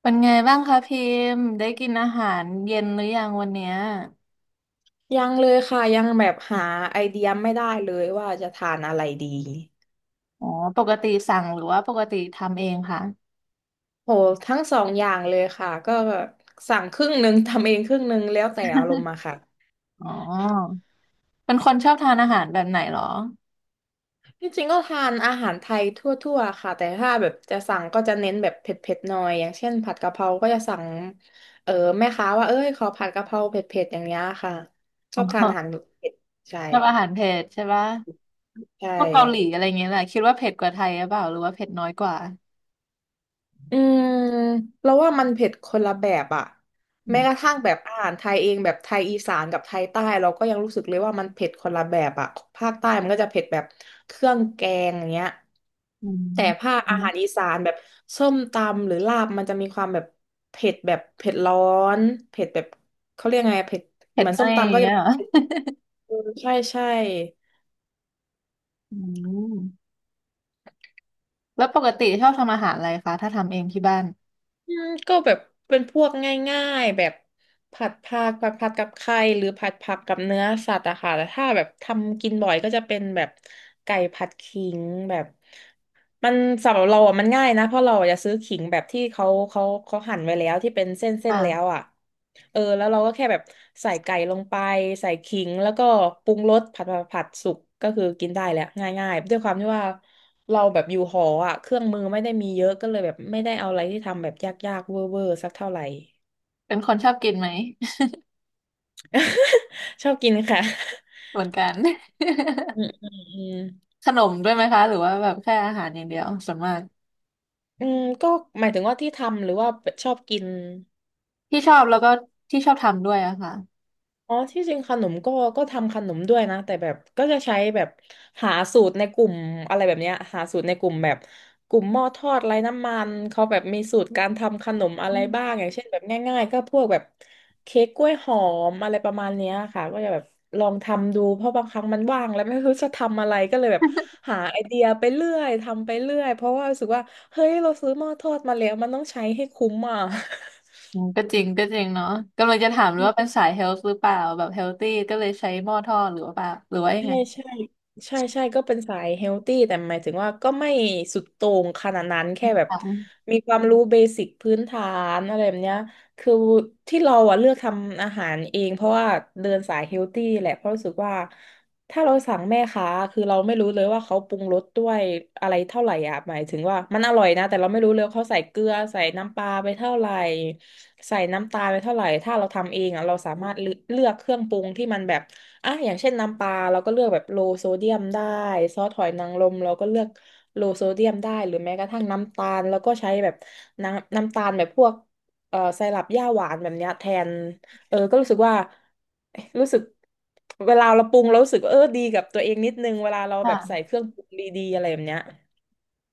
เป็นไงบ้างคะพิมพ์ได้กินอาหารเย็นหรือยังวันเนี้ยยังเลยค่ะยังแบบหาไอเดียไม่ได้เลยว่าจะทานอะไรดีอ๋อปกติสั่งหรือว่าปกติทำเองคะโหทั้งสองอย่างเลยค่ะก็สั่งครึ่งหนึ่งทำเองครึ่งหนึ่งแล้วแต่อารมณ์มาค่ะอ๋อเป็นคนชอบทานอาหารแบบไหนเหรอจริงๆก็ทานอาหารไทยทั่วๆค่ะแต่ถ้าแบบจะสั่งก็จะเน้นแบบเผ็ดๆหน่อยอย่างเช่นผัดกะเพราก็จะสั่งเออแม่ค้าว่าเอ้ยขอผัดกะเพราเผ็ดๆอย่างเงี้ยค่ะอชอบทา๋นอาหาอรเผ็ดใช่ชอบอาหารเผ็ดใช่ปะใช่ พวกเกาหลีอะไรเงี้ยแหละคิดว่าเผ็ดกว่าไทยหรือเปล่าหรือว่าเผ็ดน้อยกว่าอืมเราว่ามันเผ็ดคนละแบบอะอืแม้กระมทั่งแบบอาหารไทยเองแบบไทยอีสานกับไทยใต้เราก็ยังรู้สึกเลยว่ามันเผ็ดคนละแบบอะภาคใต้มันก็จะเผ็ดแบบเครื่องแกงอย่างเงี้ยอืแต่ภาคอาหารมอีสานแบบส้มตำหรือลาบมันจะมีความแบบเผ็ดแบบเผ็ดร้อนเผ็ดแบบเขาเรียกไงอะเผ็ดเผ็เหดมือนน้ส้อมยอตำย่าก็งจะเงี้ยแบเหรบอเผ็ดเออใช่ใช่ อืมแล้วปกติชอบทำอาหารอะไรคะถ้าทำเองที่บ้านก็แบบเป็นพวกง่ายๆแบบผัดผักผัดผักกับไข่หรือผัดผักกับเนื้อสัตว์อะค่ะแต่ถ้าแบบทำกินบ่อยก็จะเป็นแบบไก่ผัดขิงแบบ มันสำหรับเราอ่ะมันง่ายนะเพราะเราอะจะซื้อขิงแบบที่เขาหั่นไว้แล้วที่เป็นเส้นแล้วอ่าอ่ะแล้วเราก็แค่แบบใส่ไก่ลงไปใส่ขิงแล้วก็ปรุงรสผัดสุกก็คือกินได้แหละง่ายๆด้วยความที่ว่าเราแบบอยู่หออ่ะเครื่องมือไม่ได้มีเยอะก็เลยแบบไม่ได้เอาอะไรที่ทำแบบยากๆเวอร์เวอร์สักเท่าไหร่ เป็นคนชอบกินไหม ชอบกินค่ะเหมือนกัน อื มอืมอืมขนมด้วยไหมคะหรือว่าแบบแค่อาหารอย่างเดียวส่วนมากก็หมายถึงว่าที่ทำหรือว่าชอบกิน ที่ชอบแล้วก็ที่ชอบทำด้วยอะค่ะอ๋อที่จริงขนมก็ทำขนมด้วยนะ แต่แบบก็จะใช้แบบหาสูตรในกลุ่มอะไรแบบเนี้ยหาสูตรในกลุ่มแบบกลุ่มหม้อทอดไร้น้ำมันเขาแบบมีสูตรการทำขนมอะอืไรบ้าง มอย่างเช่นแบบง่ายๆก็พวกแบบเค้กกล้วยหอมอะไรประมาณเนี้ยค่ะก็จะแบบลองทำดูเพราะบางครั้งมันว่างแล้วไม่รู้จะทำอะไรก็เลยแบบหาไอเดียไปเรื่อยทำไปเรื่อยเพราะว่ารู้สึกว่าเฮ้ยเราซื้อหม้อทอดมาแล้วมันต้องใช้ให้คุ้มอ่ะ ก็จริงก็จริงเนาะกำลังจะถามเลยว่าเป็นสายเฮลท์หรือเปล่าแบบเฮลตี้ก็เลยใช้หม้อทอดหรือว่าเปล่าหรือว่ายังใช่ไงใช่ใช่ใช่ก็เป็นสายเฮลตี้แต่หมายถึงว่าก็ไม่สุดโต่งขนาดนั้นแค่แบบค่ะมีความรู้เบสิกพื้นฐานอะไรแบบเนี้ยคือที่เราอะเลือกทำอาหารเองเพราะว่าเดินสายเฮลตี้แหละเพราะรู้สึกว่าถ้าเราสั่งแม่ค้าคือเราไม่รู้เลยว่าเขาปรุงรสด้วยอะไรเท่าไหร่อะหมายถึงว่ามันอร่อยนะแต่เราไม่รู้เลยว่าเขาใส่เกลือใส่น้ำปลาไปเท่าไหร่ใส่น้ำตาลไปเท่าไหร่ถ้าเราทำเองอะเราสามารถเลือกเครื่องปรุงที่มันแบบ อ่ะอย่างเช่นน้ำปลาเราก็เลือกแบบโลโซเดียมได้ซอสหอยนางรมเราก็เลือกโลโซเดียมได้หรือแม้กระทั่งน้ำตาลแล้วก็ใช้แบบน้ำตาลแบบพวกไซรัปหญ้าหวานแบบเนี้ยแทนก็รู้สึกว่าเอ๊ะรู้สึกเวลาเราปรุงเรารู้สึกว่าเออดีกับตัวเองนิดนึงเวลาเราแบบใส่ค่ะเครื่องปรุงดีๆอะไรแบบเนี้ย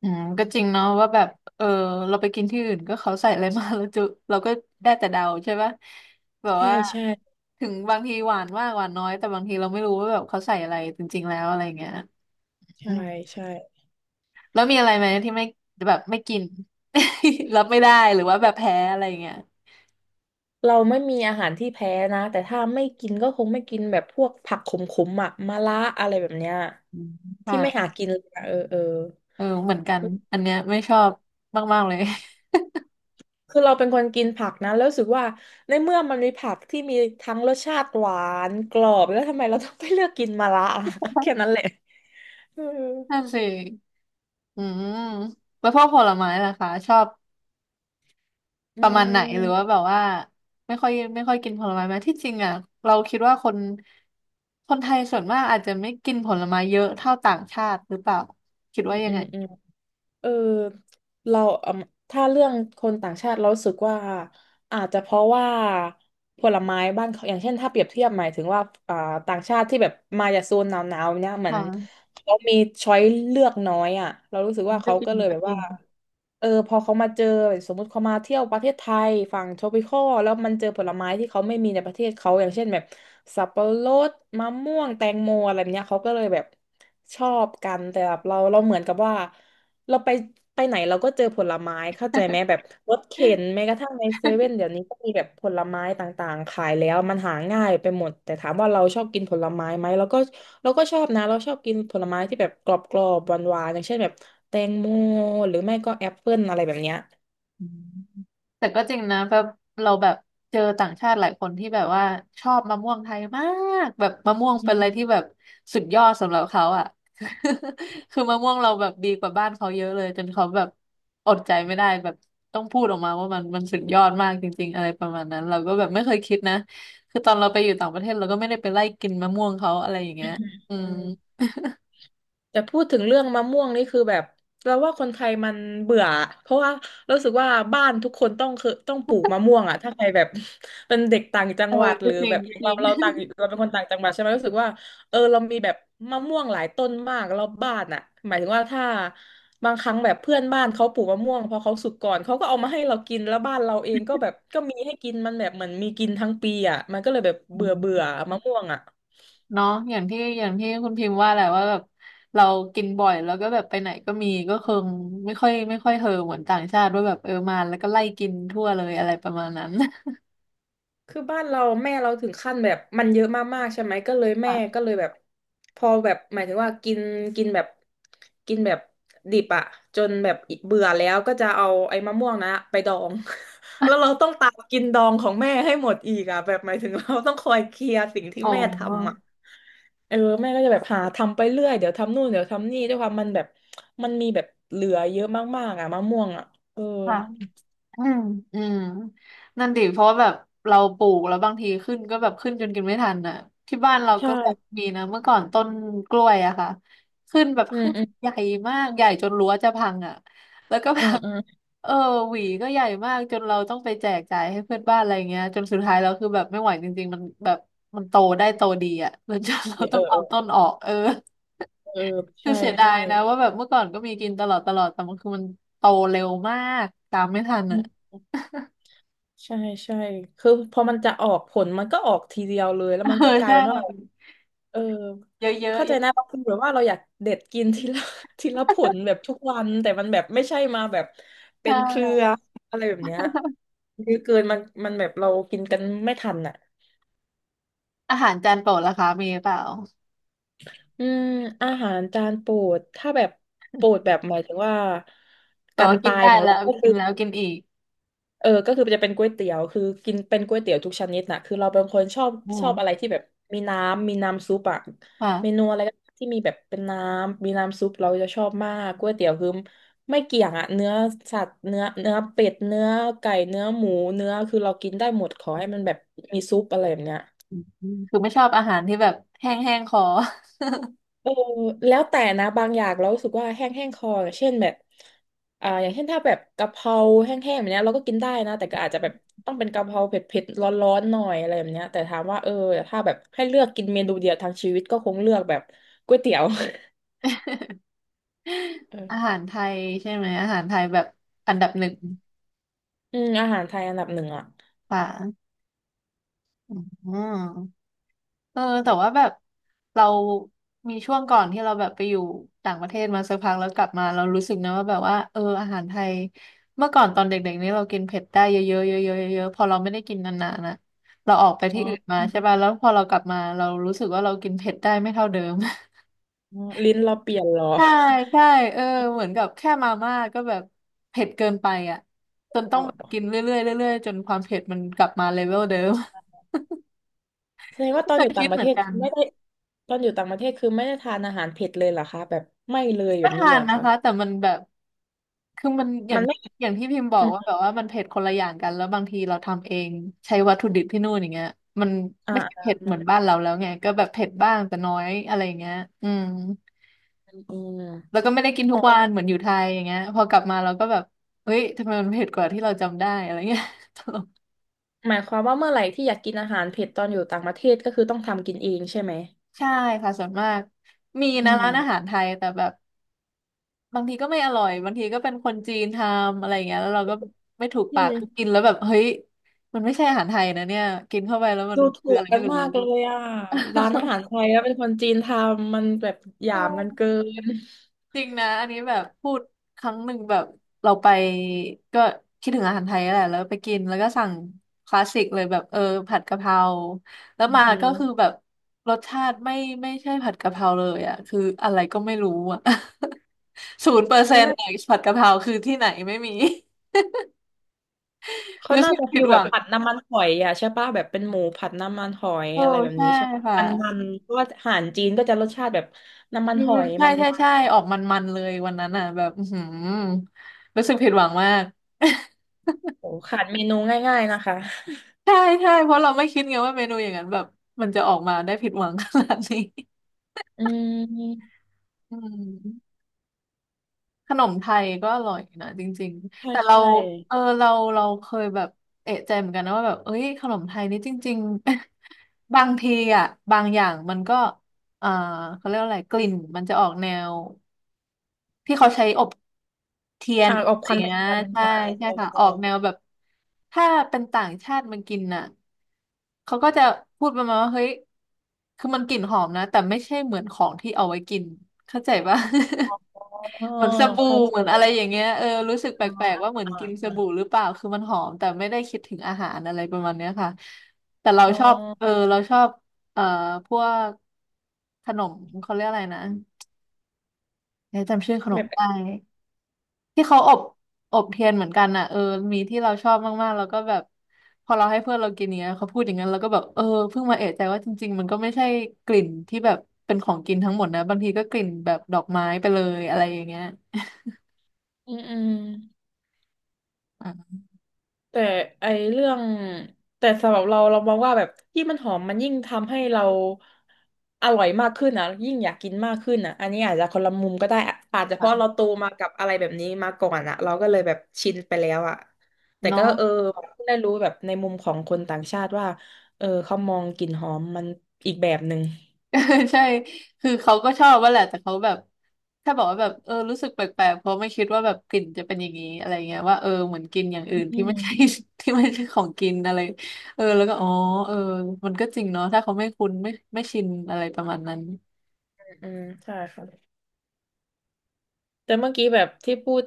อืมก็จริงเนาะว่าแบบเออเราไปกินที่อื่นก็เขาใส่อะไรมาแล้วจุ เราก็ได้แต่เดาใช่ปะแบบใช่ว่าใช่ถึงบางทีหวานมากหวานน้อยแต่บางทีเราไม่รู้ว่าแบบเขาใส่อะไรจริงๆแล้วอะไรเงี้ย ใช่ใช่ แล้วมีอะไรไหมที่ไม่แบบไม่กิน รับไม่ได้หรือว่าแบบแพ้อะไรอย่างเงี้ยเราไม่มีอาหารที่แพ้นะแต่ถ้าไม่กินก็คงไม่กินแบบพวกผักขมๆอ่ะมะระอะไรแบบเนี้ยอืมที่ไม่หาค่ะกินเลยอะเออเออเออเหมือนกันอันเนี้ยไม่ชอบมากๆเลย คือเราเป็นคนกินผักนะแล้วรู้สึกว่าในเมื่อมันมีผักที่มีทั้งรสชาติหวานกรอบแล้วทำไมเราต้องไปเลือกกินมะระอะ แค่นั้นแหละเออ นั่นสิอืมแล้วพวกผลไม้ล่ะคะชอบอืประมาณไหนหรือว่ามแบบว่าไม่ค่อยไม่ค่อยกินผลไม้ไหมที่จริงอ่ะเราคิดว่าคนไทยส่วนมากอาจจะไม่กินผลไม้เยอะเท่าต่างชาติหรือเปล่าคิดว่ายัอืงไงมอืม เออเราอืมถ้าเรื่องคนต่างชาติเรารู้สึกว่าอาจจะเพราะว่าผลไม้บ้านเขาอย่างเช่นถ้าเปรียบเทียบหมายถึงว่าอ่าต่างชาติที่แบบมาจากโซนหนาวๆเนี่ยเหมือนค่ะเขามีช้อยเลือกน้อยอ่ะเรารู้สึกมัว่านก็เขาจริงก็เลยก็แบบจริว่าง พอเขามาเจอสมมติเขามาเที่ยวประเทศไทยฝั่ง tropical แล้วมันเจอผลไม้ที่เขาไม่มีในประเทศเขาอย่างเช่นแบบสับปะรดมะม่วงแตงโมอะไรแบบเนี้ยเขาก็เลยแบบชอบกันแต่แบบเราเหมือนกับว่า เราไปไหนเราก็เจอผลไม้เข้าใจไหมแบบรถเข็นแม้กระทั่งในเซเว่นเดี๋ยวนี้ก็มีแบบผลไม้ต่างๆขายแล้วมันหาง่ายไปหมดแต่ถามว่าเราชอบกินผลไม้ไหมเราก็ชอบนะเราชอบกินผลไม้ที่แบบกรอบๆหวานๆอย่างเช่นแบบแตงโมหรือไม่ก็แอปเปิ้ลอะไรแบบเนี้ยแต่ก็จริงนะแบบเราแบบเจอต่างชาติหลายคนที่แบบว่าชอบมะม่วงไทยมากแบบมะม่วงเป็นอะไรที่แบบสุดยอดสำหรับเขาอ่ะ คือมะม่วงเราแบบดีกว่าบ้านเขาเยอะเลยจนเขาแบบอดใจไม่ได้แบบต้องพูดออกมาว่ามันสุดยอดมากจริงๆอะไรประมาณนั้น เราก็แบบไม่เคยคิดนะคือตอนเราไปอยู่ต่างประเทศเราก็ไม่ได้ไปไล่กินมะม่วงเขาอะไรอย่างเงี้ยอืมอืม แต่พูดถึงเรื่องมะม่วงนี่คือแบบเราว่าคนไทยมันเบื่อเพราะว่ารู้สึกว่าบ้านทุกคนต้องคือต้องปลูกมะม่วงอ่ะถ้าใครแบบ เป็นเด็กต่างจัเองอหวัดหก็รือจริแบงบอก็ย่างจริเราง เราต่างเราเป็นคนต่างจังหวัดใช่ไหมรู้สึกว่าเออเรามีแบบมะม่วงหลายต้นมากรอบบ้านอ่ะหมายถึงว่าถ้าบางครั้งแบบเพื่อนบ้านเขาปลูกมะม่วงพอเขาสุกก่อนเขาก็เอามาให้เรากินแล้วบ้านเราเองก็แบบก็มีให้กินมันแบบเหมือนมีกินทั้งปีอ่ะมันก็เลยแบบเบื่อเบื่อ มะม่วงอ่ะ เนาะอย่างที่อย่างที่คุณพิมพ์ว่าแหละว่าแบบเรากินบ่อยแล้วก็แบบไปไหนก็มีก็คงไม่ค่อยไม่ค่อยเฮอเหมือนต่างชาติว่าแบบเออมาแล้วก็ไล่กินทั่วเลยอะไรประมาณนั้น คือบ้านเราแม่เราถึงขั้นแบบมันเยอะมากๆใช่ไหมก็เลยแม่ค่ะก็เลยแบบพอแบบหมายถึงว่ากินกินแบบแบบดิบอะจนแบบเบื่อแล้วก็จะเอาไอ้มะม่วงนะไปดอง แล้วเราต้องตามกินดองของแม่ให้หมดอีกอะแบบหมายถึงเราต้องคอยเคลียร์สิ่งที่อ๋แม่ทำอะอเออแม่ก็จะแบบหาทำไปเรื่อยเดี๋ยวทำนู่นเดี๋ยวทำนี่ด้วยความมันแบบมันมีแบบเหลือเยอะมากๆอะมะม่วงอะเออค่ะ อืมอืมนั่นดิเพราะว่าแบบเราปลูกแล้วบางทีขึ้นก็แบบขึ้นจนกินไม่ทันน่ะที่บ้านเราใช่ก็แบบมีนะเมื่อก่อนต้นกล้วยอะค่ะขึ้นแบบอืมขึ้นอืมใหญ่มากใหญ่จนรั้วจะพังอะแล้วก็เอแบอบ เออ เออหวีก็ใหญ่มากจนเราต้องไปแจกจ่ายให้เพื่อนบ้านอะไรเงี้ยจนสุดท้ายเราคือแบบไม่ไหวจริงๆมันแบบมันโตได้โตดีอะ แล้วจนเราเอต้อองเอเอาอต้นออกเออ เออคือใช่เสียดาใช่ ยนะว่าแบบเมื่อก่อนก็มีกินตลอดตลอดแต่มันคือมันโตเร็วมากตามไม่ทันอือ่ะ มใช่ใช่คือพอมันจะออกผลมันก็ออกทีเดียวเลยแล้ว มันเออก็กลายใช่เป็นว่าเออเยอะเยอะเข้าเยใจอะนะบางคนแบบว่าเราอยากเด็ดกินทีละ ทีละผลแบบทุกวันแต่มันแบบไม่ใช่มาแบบใชเป็นเครือ่อะไรแบบเนี้ยเยอะเกินมันแบบเรากินกันไม่ทันอ่ะอาหารจานโปรดล่ะคะมีเปล่าอืมอาหารจานโปรดถ้าแบบโปรดแบบหมายถึงว่าแต่การว่ากิตานยได้ของแล้เราวก็กิคืนอ แล้วกินอีกเออก็คือจะเป็นก๋วยเตี๋ยวคือกินเป็นก๋วยเตี๋ยวทุกชนิดน่ะคือเราเป็นคนชอบอ๋อะไรอที่แบบมีน้ำซุปอะค่ะเมนูอะไรก็ที่มีแบบเป็นน้ำมีน้ำซุปเราจะชอบมากก๋วยเตี๋ยวคือไม่เกี่ยงอะเนื้อสัตว์เนื้อเป็ดเนื้อไก่เนื้อหมูเนื้อคือเรากินได้หมดขอให้มันแบบมีซุปอะไรแบบเนี้ย อืมคือไม่ชอบอาหารที่แบบแห้งแห้งคอ เออแล้วแต่นะบางอย่างเรารู้สึกว่าแห้งแห้งคออย่างเช่นแบบอย่างเช่นถ้าแบบกะเพราแห้งๆแบบเนี้ยเราก็กินได้นะแต่ก็อาจจะแบบต้องเป็นกะเพราเผ็ดๆร้อนๆหน่อยอะไรแบบเนี้ยแต่ถามว่าเออถ้าแบบให้เลือกกินเมนูเดียวทางชีวิตก็คงเลือกแบบก๋วยเตี๋ยว เออ อาหารไทยใช่ไหมอาหารไทยแบบอันดับ1อืมอาหารไทยอันดับหนึ่งอ่ะค่ะอืม เออแต่ว่าแบบเรามีช่วงก่อนที่เราแบบไปอยู่ต่างประเทศมาสักพักแล้วกลับมาเรารู้สึกนะว่าแบบว่าเอออาหารไทยเมื่อก่อนตอนเด็กๆนี่เรากินเผ็ดได้เยอะๆเยอะๆเยอะๆพอเราไม่ได้กินนานๆนะเราออกไปอ๋ที่อ อื่นมาใช่ป่ะแล้วพอเรากลับมาเรารู้สึกว่าเรากินเผ็ดได้ไม่เท่าเดิม อ๋อลิ้นเราเปลี่ยนเหรอ ใช่ใช่ เออเหมือนกับแค่มาม่าก็แบบเผ็ดเกินไปอ่ะจนแล้ต้องว แบบกินเรื่อยๆเรื่อยๆจนความเผ็ดมันกลับมาเลเวลเดิม แสดงว่าต อนแต่อยู่คิต่างดประเหมืเทอนศกัคืน อไม่ได้ตอนอยู่ต่างประเทศคือไม่ได้ทานอาหารเผ็ดเลยเหรอคะแบบไม่เลยแบก็บนี้ทาเลยนเหรอนะคะคะแต่มันแบบคือมันอย่ามังนไม่ อย่างที่พิมพ์บอกว่าแบบว่ามันเผ็ดคนละอย่างกันแล้วบางทีเราทำเองใช้วัตถุดิบที่นู่นอย่างเงี้ยมันอ่าไม่ใช่เผ็ดอ่าเหมือนบ้านเราแล้วไงก็แบบเผ็ดบ้างแต่น้อยอะไรอย่างเงี้ยอืมอืมแล้วก็ไม่ได้กินทุอ๋กอวันเหมือนอยู่ไทยอย่างเงี้ยพอกลับมาเราก็แบบเฮ้ยทำไมมันเผ็ดกว่าที่เราจำได้อะไรเงี้ย ตลกหมายความว่าเมื่อไหร่ที่อยากกินอาหารเผ็ดตอนอยู่ต่างประเทศก็คือต้องทำกินเองใช่ไหมใช่ค่ะส่วนมากมีอืนะมร้านอาหารไทยแต่แบบ บางทีก็ไม่อร่อยบางทีก็เป็นคนจีนทำอะไรอย่างเงี้ยแล้วเราก็ไม่ถูกอืปากคือกินมแล้วแบบเฮ้ยมันไม่ใช่อาหารไทยนะเนี่ยกินเข้าไปแล้วมันดูถูคือกอะไรกัไม่นรู้ มากเลยอ่ะร้านอาหารไท ยแล้วเป็นคนจีนทำมันแบบหเอยามกันเกิอนจริงนะอันนี้แบบพูดครั้งหนึ่งแบบเราไปก็คิดถึงอาหารไทยแหละแล้วไปกินแล้วก็สั่งคลาสสิกเลยแบบผัดกะเพราแล้วอืมมาอืก็มคือแบบรสชาติไม่ใช่ผัดกะเพราเลยอ่ะคืออะไรก็ไม่รู้อ่ะ ศูนย์เปอร์เซ็มันนต์น่าผัดกะเพราคือที่ไหนไม่มี เขารู้น่าสึกจะผิฟิดลหแบวับงผัดน้ำมันหอยอ่ะใช่ปะแบบเป็นหมูผัดน้ำมันหอยโอ้อะไรแบบใช่นี้ใช่ปะค่ะมันเพราะว่าอาหารจีนก็จะรสชาติแบบน้ำมันอืหมอยใช่มันใช่มันใช่ออกมันๆเลยวันนั้นอ่ะแบบอื้อหือรู้สึกผิดหวังมาก โอ้ขาดเมนูง่ายๆนะคะใช่ใช่เพราะเราไม่คิดไงว่าเมนูอย่างนั้นแบบมันจะออกมาได้ผิดหวังขนาดนี้อืมอืมขนมไทยก็อร่อยนะจริงๆใช่แต่เราใช่ เออเราเคยแบบเอะใจเหมือนกันนะว่าแบบเอ้ยขนมไทยนี่จริงๆ บางทีอ่ะบางอย่างมันก็เอ่อเขาเรียกว่าอะไรกลิ่นมันจะออกแนว ที่เขาใช้อบเทียนอออบบอะไรควันคเงี้ยวันใช่อ่าใช่ใช่ค่ะใช่ออกแนวแบบถ้าเป็นต่างชาติมันกินน่ะเขาก็จะพูดประมาณว่าเฮ้ยคือมันกลิ่นหอมนะแต่ไม่ใช่เหมือนของที่เอาไว้กินเข้าใจปะ อ๋อ เหมือนสบู่เข้าใจเหมือนอะแล้ไรอย่าวงเงี้ยเออรู้สึกแปอ่าลกๆว่าเหมือนอ่ากินสอ่าบู่หรือเปล่าคือมันหอมแต่ไม่ได้คิดถึงอาหารอะไรประมาณเนี้ยค่ะแต่เราอ๋ชอบเอออเราชอบเอ่อพวกขนมเขาเรียกอะไรนะเอ๊ะจำชื่อขนมแบบไม่ได้ ที่เขาอบอบเทียนเหมือนกันอ่ะเออมีที่เราชอบมากๆแล้วก็แบบพอเราให้เพื่อนเรากินเนี้ยเขาพูดอย่างนั้นแล้วก็แบบเออเพิ่งมาเอะใจว่าจริงๆมันก็ไม่ใช่กลิ่นที่แบบเป็นของกินทั้งหมดนะบางทีก็กลิ่นแบบดอกไม้ไปเลยอะไรอย่างเงี้ยอืมอืมอ่าแต่ไอเรื่อง แต่สำหรับเราเรามองว่าแบบที่งมันหอมมันยิ่งทำให้เราอร่อยมากขึ้นอ่ะยิ่งอยากกินมากขึ้นอ่ะอันนี้อาจจะคนละมุมก็ได้อะอาจจะเพราะค่ะเราโตมากับอะไรแบบนี้มาก่อนอ่ะเราก็เลยแบบชินไปแล้วอ่ะแต่เนาะ ก็เออได้รู้แบบในมุมของคนต่างชาติว่าเออเขามองกลิ่นหอมมันอีกแบบหนึ่ง ใช่คือเขาก็ชอบว่าแหละ แต่เขาแบบถ้าบอกว่าแบบเออรู้สึกแปลกๆเพราะไม่คิดว่าแบบกลิ่นจะเป็นอย่างนี้อะไรเงี้ยว่าเออเหมือนกินอย่างอื่นอืที่ไม่ใช่ ม ที่ไม่ใช่ของกินอะไรเออแล้วก็อ๋อเออมันก็จริงเนาะถ้าเขาไม่คุ้นไม่ชินอะไรประมาณนั้นอืมใช่ค่ะแต่เมื่อกี้แบบที่พูด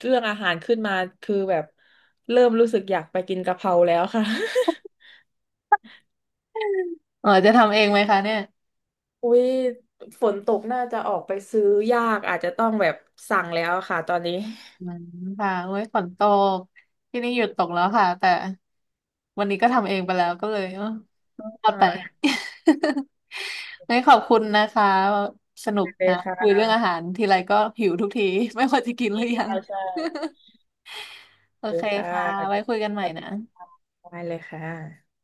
เรื่องอาหารขึ้นมาคือแบบเริ่มรู้สึกอยากไปกินกะเพราแล้วค่ะเออจะทำเองไหมคะเนี่ยอุ้ยฝนตกน่าจะออกไปซื้อยากอาจจะต้องแบบสั่งแล้วค่ะตอนนี้อืมค่ะโอ้ยฝนตกที่นี่หยุดตกแล้วค่ะแต่วันนี้ก็ทำเองไปแล้วก็เลย รออ่ดไป า งั้นขอบคุณนะคะ สนุกได้เลยนะคุยค่ะเรื่องอาหารทีไรก็หิวทุกที ไม่ว่าจะกินหรือยังใช่ใช่โอเลเคยค่ะค่ะสวัไว้คุยกันใหม่สดีนะค่ะได้เลยค่ะ